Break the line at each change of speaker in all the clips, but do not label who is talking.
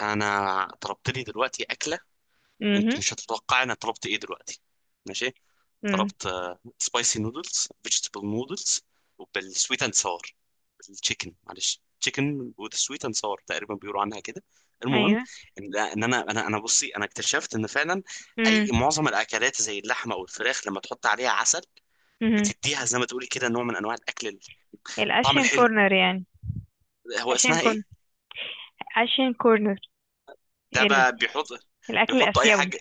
انا طلبت لي دلوقتي اكله. انت
امم،
مش هتتوقع انا طلبت ايه دلوقتي؟ ماشي.
امم.
طلبت سبايسي نودلز فيجيتابل نودلز، وبالسويت اند ساور، بالتشيكن، معلش تشيكن وذ سويت اند ساور، تقريبا بيقولوا عنها كده. المهم
ايوه.
إن انا بصي، انا اكتشفت ان فعلا اي
امم،
معظم الاكلات زي اللحمه او الفراخ لما تحط عليها عسل
امم.
بتديها زي ما تقولي كده نوع من انواع الاكل، الطعم
الاشين
الحلو.
كورنر يعني.
هو
اشين
اسمها ايه؟
كورن اشين كورنر.
ده
ال...
بقى بيحط،
الاكل
بيحطوا اي
الاسيوي.
حاجه.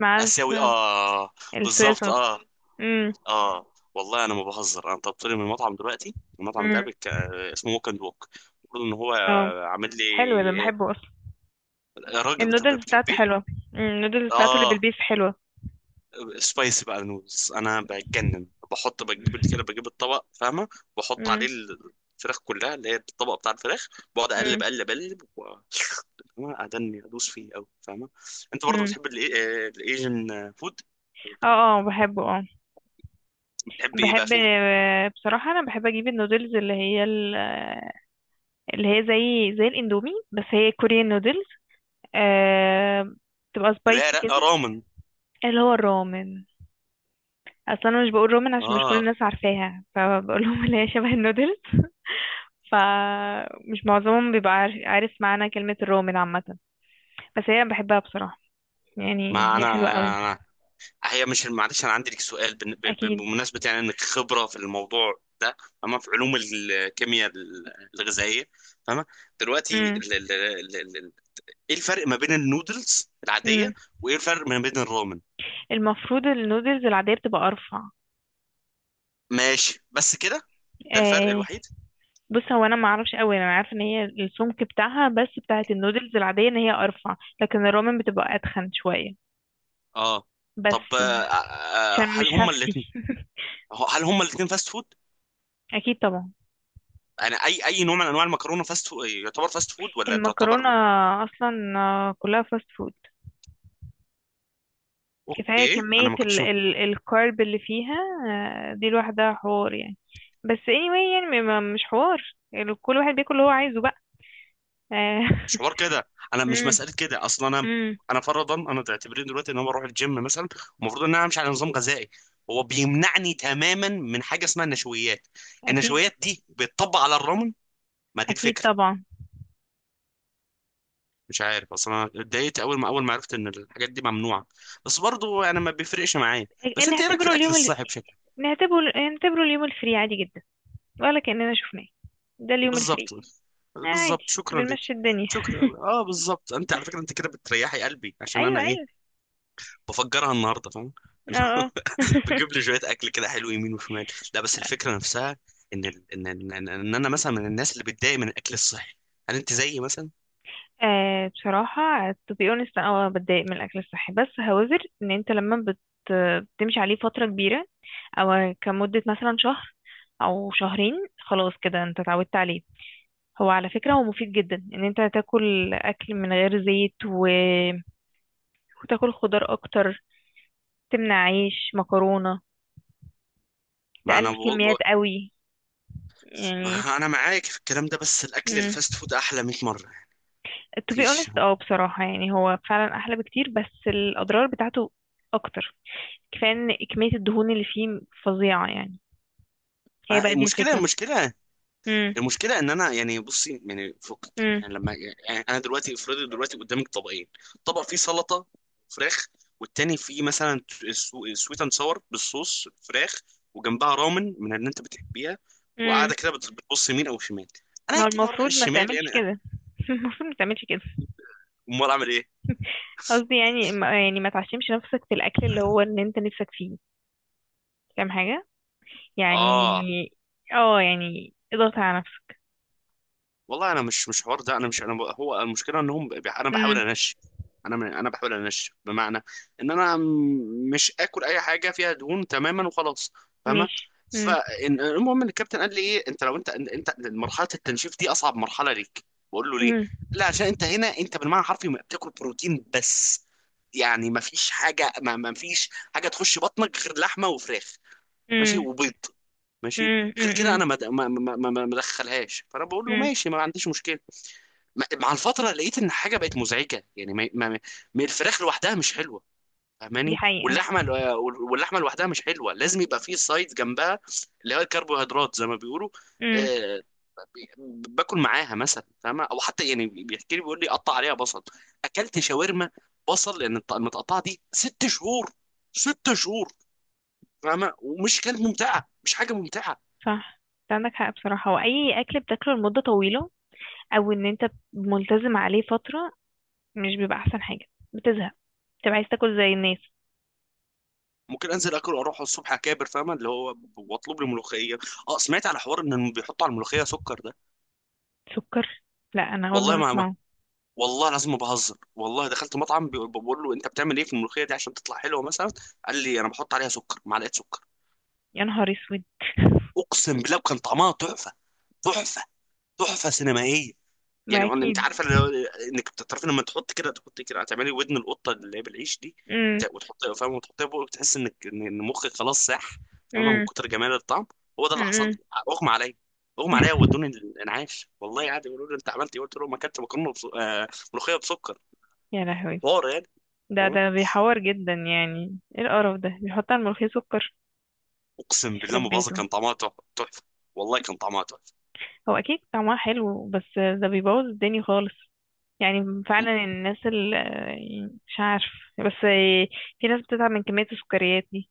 مع
اسيوي، اه.
الصويا
بالظبط، اه.
صوص. امم،
اه. والله انا ما بهزر، انا طلبت لي من المطعم دلوقتي، المطعم ده
امم.
بك... آه، اسمه ووك اند ووك. المفروض ان هو
اه.
عامل لي.
حلو، ده
إيه؟
بحبه اصلا.
راجل
النودلز بتاعته
بتحبيه.
حلوه. النودلز بتاعته اللي
اه.
بالبيف حلوه.
سبايسي بقى نودلز، انا بتجنن، بحط بجيب كده، بجيب الطبق، فاهمه؟ بحط عليه
امم،
الفراخ كلها، اللي هي الطبق بتاع الفراخ، بقعد
امم،
اقلب اقلب اقلب، و... فاهمة؟ ادني ادوس فيه قوي، فاهمه. انت برضه
امم.
بتحب الايجن فود؟
اه، اه، بحبه، اه.
بتحب ايه بقى
بحب
فيه؟
بصراحه انا بحب اجيب النودلز اللي هي زي الاندومي، بس هي كوريان نودلز. آه... بتبقى
لا
سبايسي
لا،
كده.
رامن.
اللي هو الرومن. اصلا انا مش بقول رومن عشان مش كل
اه.
الناس عارفاها، فبقول لهم اللي هي شبه النودلز. فمش معظمهم بيبقى عارف معنى كلمة الرومن عامة. بس هي بحبها بصراحة، يعني
ما
هي حلوة قوي.
انا، هي مش، معلش انا عندي لك سؤال
اكيد.
بمناسبه يعني انك خبره في الموضوع ده. اما في علوم الكيمياء الغذائيه، فاهمه، دلوقتي
امم،
ايه الفرق ما بين النودلز
امم.
العاديه، وايه الفرق ما بين الرامن؟
المفروض النودلز العادية بتبقى ارفع.
ماشي، بس كده؟ ده الفرق
آه.
الوحيد؟
بص، هو انا ما اعرفش قوي، انا عارفه ان هي السمك بتاعها، بس بتاعت النودلز العادية ان هي ارفع، لكن الرومن بتبقى اتخن شوية.
اه. طب،
بس. عشان
هل
مش
هما
هفتي.
الاثنين، هل هما الاثنين فاست فود؟
اكيد طبعا.
انا اي نوع من انواع المكرونه فاست فود يعتبر فاست فود ولا
المكرونة.
تعتبر؟
أصلا كلها فاست فود. كفاية
اوكي،
كمية
انا ما
ال
كنتش.
ال الكارب اللي فيها. دي لوحدها حوار يعني. بس anyway، يعني مش حوار كل واحد بياكل اللي هو عايزه بقى. آه،
مش حوار كده، انا مش
مم.
مساله كده اصلا. انا
مم.
انا فرضا انا تعتبرين دلوقتي ان انا بروح الجيم مثلا، المفروض ان انا امشي على نظام غذائي، هو بيمنعني تماما من حاجه اسمها النشويات.
أكيد.
النشويات دي بتطبق على الرامن؟ ما دي
أكيد
الفكره.
طبعا.
مش عارف، اصلا انا اتضايقت اول ما عرفت ان الحاجات دي ممنوعه، بس برضو انا ما بيفرقش معايا. بس انت ايه رايك في
نعتبره
الاكل
اليوم ال...
الصحي بشكل؟
نعتبره اليوم الفري عادي جدا، ولا كأننا شفناه. ده اليوم الفري.
بالظبط. بالظبط،
عادي.
شكرا لك.
بنمشي الدنيا
شكرا، اه، بالظبط. انت على فكره انت كده بتريحي قلبي، عشان
أيوه،
انا ايه،
أيوه.
بفجرها النهارده، فاهم؟
اه، اه.
بجيب لي شويه اكل كده حلو يمين وشمال. لا، بس الفكره نفسها، ان ال... ان ان ان إن انا مثلا من الناس اللي بتضايق من الاكل الصحي. هل انت زيي مثلا؟
بصراحة to be honest أنا بتضايق من الأكل الصحي، بس هوزر إن أنت لما بتمشي عليه فترة كبيرة، أو كمدة مثلا شهر أو شهرين، خلاص كده أنت اتعودت عليه. هو على فكرة هو مفيد جدا إن أنت تاكل أكل من غير زيت وتاكل خضار أكتر، تمنع عيش مكرونة،
ما انا ب...
تقلل
ب...
كميات قوي يعني.
ما انا معاك في الكلام ده، بس الاكل
مم.
الفاست فود احلى 100 مره،
to be
مفيش.
honest بصراحة، يعني هو فعلا أحلى بكتير، بس الأضرار بتاعته أكتر. كفاية ان كمية الدهون اللي فيه فظيعة يعني. هي
ما-
بقى دي
المشكله
الفكرة.
المشكله
امم،
المشكله ان انا، يعني بصي يعني فوق،
امم،
يعني لما، يعني انا دلوقتي افرضي دلوقتي قدامك طبقين، طبق فيه سلطه، فراخ، والتاني فيه مثلا سويت اند ساور بالصوص فراخ، وجنبها رامن من اللي انت بتحبيها،
امم.
وقاعده كده بتبص يمين او شمال، انا
ما هو
اكيد هروح
المفروض ما
الشمال
تعملش
يعني.
كده. المفروض ما تعملش كده.
امال اعمل ايه؟
قصدي يعني ما يعني ما تعشمش نفسك في الاكل اللي هو ان انت نفسك فيه، فاهم حاجة؟ يعني
اه.
اه، يعني اضغط على نفسك.
والله انا مش حوار ده، انا مش، هو المشكله انهم انا بحاول
امم.
انش، انا، انا بحاول انش بمعنى ان انا مش اكل اي حاجه فيها دهون تماما وخلاص، فاهمه.
ماشي. امم،
فالمهم ان الكابتن قال لي ايه، انت لو انت مرحله التنشيف دي اصعب مرحله ليك. بقول له ليه؟
امم،
لا، عشان انت هنا انت بالمعنى الحرفي ما بتاكل بروتين بس، يعني ما فيش حاجه تخش بطنك غير لحمه وفراخ، ماشي،
امم،
وبيض، ماشي.
امم،
غير كده
امم،
انا ما ادخلهاش، فانا بقول له
امم.
ماشي، ما عنديش مشكله. مع الفترة لقيت إن حاجة بقت مزعجة، يعني، ما الفراخ لوحدها مش حلوة،
دي
فاهماني،
حقيقة.
واللحمة لوحدها مش حلوة، لازم يبقى فيه سايد جنبها، اللي هو الكربوهيدرات زي ما بيقولوا.
امم.
آه، باكل معاها مثلا، فاهمة، أو حتى يعني بيحكي لي، بيقول لي قطع عليها بصل. أكلت شاورما، بصل، لأن المتقطعة دي ست شهور، ست شهور، فاهمة، ومش كانت ممتعة، مش حاجة ممتعة.
صح، انت عندك حق بصراحة. واي اكل بتاكله لمدة طويلة او ان انت ملتزم عليه فترة، مش بيبقى احسن حاجة. بتزهق، بتبقى عايز تاكل زي الناس.
ممكن انزل اكل واروح الصبح اكابر، فاهمه، اللي هو واطلب لي ملوخيه. اه، سمعت على حوار ان بيحطوا على الملوخيه سكر ده.
سكر؟ لا، انا اول
والله
مرة
ما ما
اسمعه.
والله، لازم ما بهزر، والله دخلت مطعم، بقول له انت بتعمل ايه في الملوخيه دي عشان تطلع حلوه مثلا، قال لي انا بحط عليها سكر، معلقه سكر.
يا نهار اسود.
اقسم بالله كان طعمها تحفه، تحفه، تحفه سينمائيه،
ما
يعني. انت
اكيد.
عارفه اللي هو، انك بتعرفي لما تحط كده تحط كده هتعملي ودن القطه اللي هي بالعيش دي،
امم،
وتحط، فاهم، وتحطها فوق، بتحس انك إن مخك خلاص ساح، فاهمه، من
امم،
كتر جمال الطعم. هو ده اللي حصل لي،
امم.
اغمى عليا، اغمى عليا وودوني الانعاش، والله عادي، يقولوا لي انت عملت ايه، قلت لهم ما اكلت مكرونه، بس ملوخيه بسكر.
يا لهوي.
حوار يعني.
ده
فاهمه،
ده بيحور جدا، يعني ايه القرف ده؟ بيحط على الملوخية سكر!
اقسم بالله
يخرب
ما بهزر،
بيته.
كان طعمها تحفه. والله كان طعمها تحفه.
هو اكيد طعمها حلو، بس ده بيبوظ الدنيا خالص. يعني فعلا الناس اللي، مش عارف، بس في ناس بتتعب من كمية السكريات دي.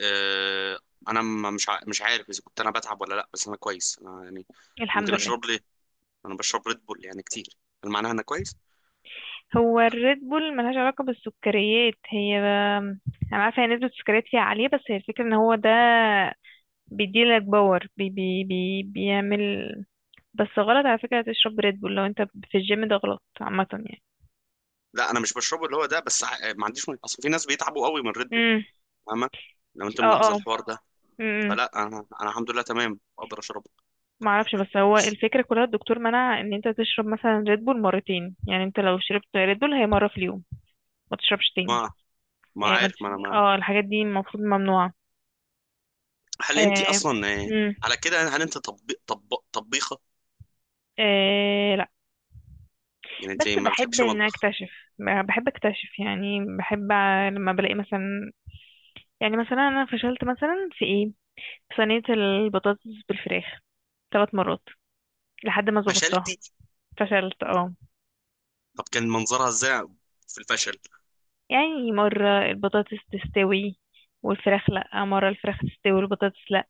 آه... انا مش عارف اذا كنت انا بتعب ولا لا، بس انا كويس، انا يعني.
الحمد
ممكن
لله.
اشرب لي، انا بشرب ريد بول يعني كتير، هل معناها انا كويس؟
هو الريد بول ملهاش علاقة بالسكريات، هي. أنا عارفة هي نسبة السكريات فيها عالية، بس هي الفكرة إن هو ده بيديلك باور، بي بي بي بيعمل. بس غلط على فكرة تشرب ريد بول لو انت في الجيم، ده غلط عامة يعني.
لا، انا مش بشربه اللي هو ده، بس ما عنديش اصل في ناس بيتعبوا قوي من ريد بول،
امم.
فاهمه، لو انت
اه،
ملاحظه
اه.
الحوار ده.
امم.
فلا، انا الحمد لله تمام، اقدر اشربه.
معرفش، بس هو الفكرة كلها الدكتور منع ان انت تشرب مثلا ريد بول مرتين. يعني انت لو شربت ريد بول هي مرة في اليوم، ما تشربش تاني.
ما ما
يعني ما
عارف،
تش...
ما انا ما
اه الحاجات دي المفروض ممنوعة.
هل انت
آه.
اصلا،
امم.
على كده، هل انت طبيخه،
آه. لا.
يعني انت
بس
ما
بحب
بتحبش
ان
المطبخ؟
اكتشف. بحب اكتشف، يعني بحب لما بلاقي مثلا، يعني مثلا انا فشلت مثلا في ايه؟ في صينية البطاطس بالفراخ 3 مرات لحد ما ظبطتها.
فشلتي؟
فشلت، اه.
طب كان منظرها ازاي في الفشل؟
يعني مرة البطاطس تستوي والفراخ لأ، مرة الفراخ تستوي والبطاطس لأ.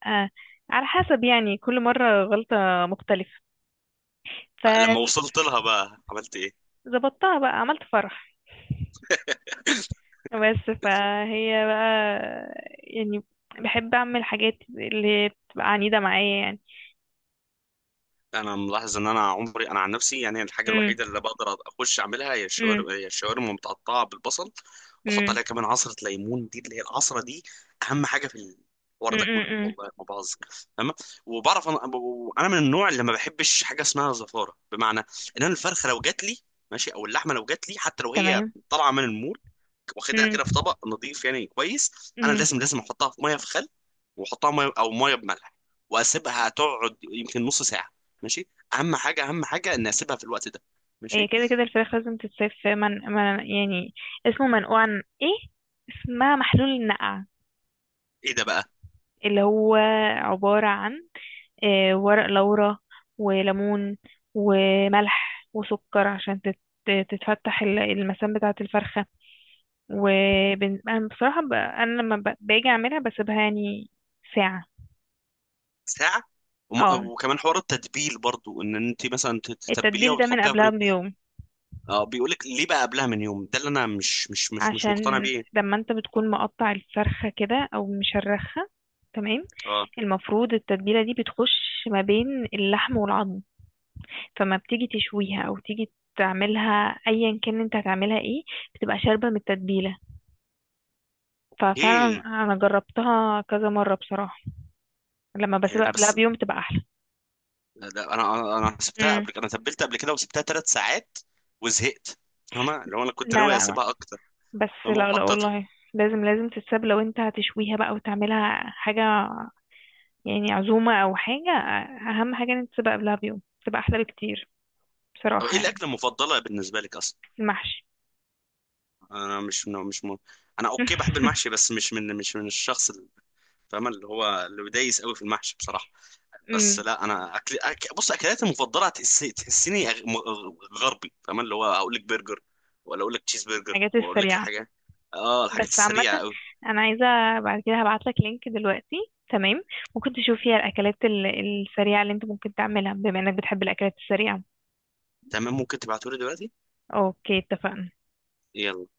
على حسب، يعني كل مرة غلطة مختلفة.
لما وصلت لها بقى عملت ايه؟
فظبطتها بقى، عملت فرح. بس فهي بقى، يعني، بحب اعمل حاجات اللي هي بتبقى عنيدة معايا يعني.
انا ملاحظ ان انا عمري، انا عن نفسي يعني، الحاجه
امم،
الوحيده اللي بقدر اخش اعملها
امم،
هي الشاورما متقطعه بالبصل، بحط
امم،
عليها كمان عصره ليمون، دي اللي هي العصره دي اهم حاجه في الحوار ده كله،
امم.
والله ما بهزر. تمام. وبعرف انا، انا من النوع اللي ما بحبش حاجه اسمها زفاره، بمعنى ان انا الفرخه لو جات لي، ماشي، او اللحمه لو جات لي، حتى لو هي
تمام.
طالعه من المول، واخدها
امم،
كده في طبق نظيف، يعني كويس، انا
امم.
لازم لازم احطها في ميه في خل، واحطها ميه او ميه بملح، واسيبها تقعد يمكن نص ساعه، ماشي، اهم حاجه اهم حاجه ان اسيبها في الوقت ده،
هي
ماشي.
كده كده الفراخ لازم تتساب في من يعني، اسمه منقوع عن ايه، اسمها محلول النقع،
ايه ده بقى؟
اللي هو عبارة عن ورق لورا وليمون وملح وسكر، عشان تتفتح المسام بتاعة الفرخة. انا بصراحة، انا لما باجي اعملها بسيبها يعني ساعة.
ساعه؟ وم-
اه.
وكمان حوار التتبيل برضو، ان انت مثلا تتبليها
التتبيل ده من
وتحطيها في.
قبلها بيوم.
اه، بيقول لك ليه بقى قبلها من يوم، ده اللي انا مش
عشان
مقتنع بيه.
لما انت بتكون مقطع الفرخة كده او مشرخها، تمام،
اه.
المفروض التتبيلة دي بتخش ما بين اللحم والعظم. فما بتيجي تشويها او تيجي تعملها، ايا كان انت هتعملها ايه، بتبقى شاربة من التتبيلة. ففعلا
ايه؟
انا جربتها كذا مرة بصراحة، لما
يعني
بسيبها
ده
قبلها
بس؟
بيوم بتبقى احلى.
ده انا انا سبتها
مم.
قبل، انا تبلت قبل كده وسبتها ثلاث ساعات وزهقت، فاهمة، لو انا كنت
لا،
ناوي
لا.
اسيبها اكتر.
بس
فمو
لا، لا
حطيتها.
والله، لازم لازم تتساب لو انت هتشويها بقى وتعملها حاجة، يعني عزومة او حاجة. اهم حاجة ان انت تسيبها قبلها بيوم، تبقى احلى بكتير
طب ايه
بصراحة يعني.
الاكله المفضله بالنسبه لك اصلا؟
المحشي.
انا مش مش م... انا اوكي بحب المحشي، بس مش من الشخص اللي، فاهم، اللي هو اللي بيدايس قوي في المحشي بصراحه. بس
امم.
لا، انا اكل بص اكلاتي المفضله تحسيني غربي، فاهم، اللي هو اقول لك برجر ولا اقول لك تشيز برجر
الحاجات
واقول لك
السريعة.
الحاجات. اه، الحاجات
بس عامة
السريعه قوي.
انا عايزة، بعد كده هبعتلك لينك دلوقتي، تمام؟ ممكن تشوف فيها الاكلات السريعة اللي انت ممكن تعملها، بما انك بتحب الاكلات السريعة.
تمام، ممكن تبعتولي دلوقتي.
اوكي، اتفقنا.
يلا.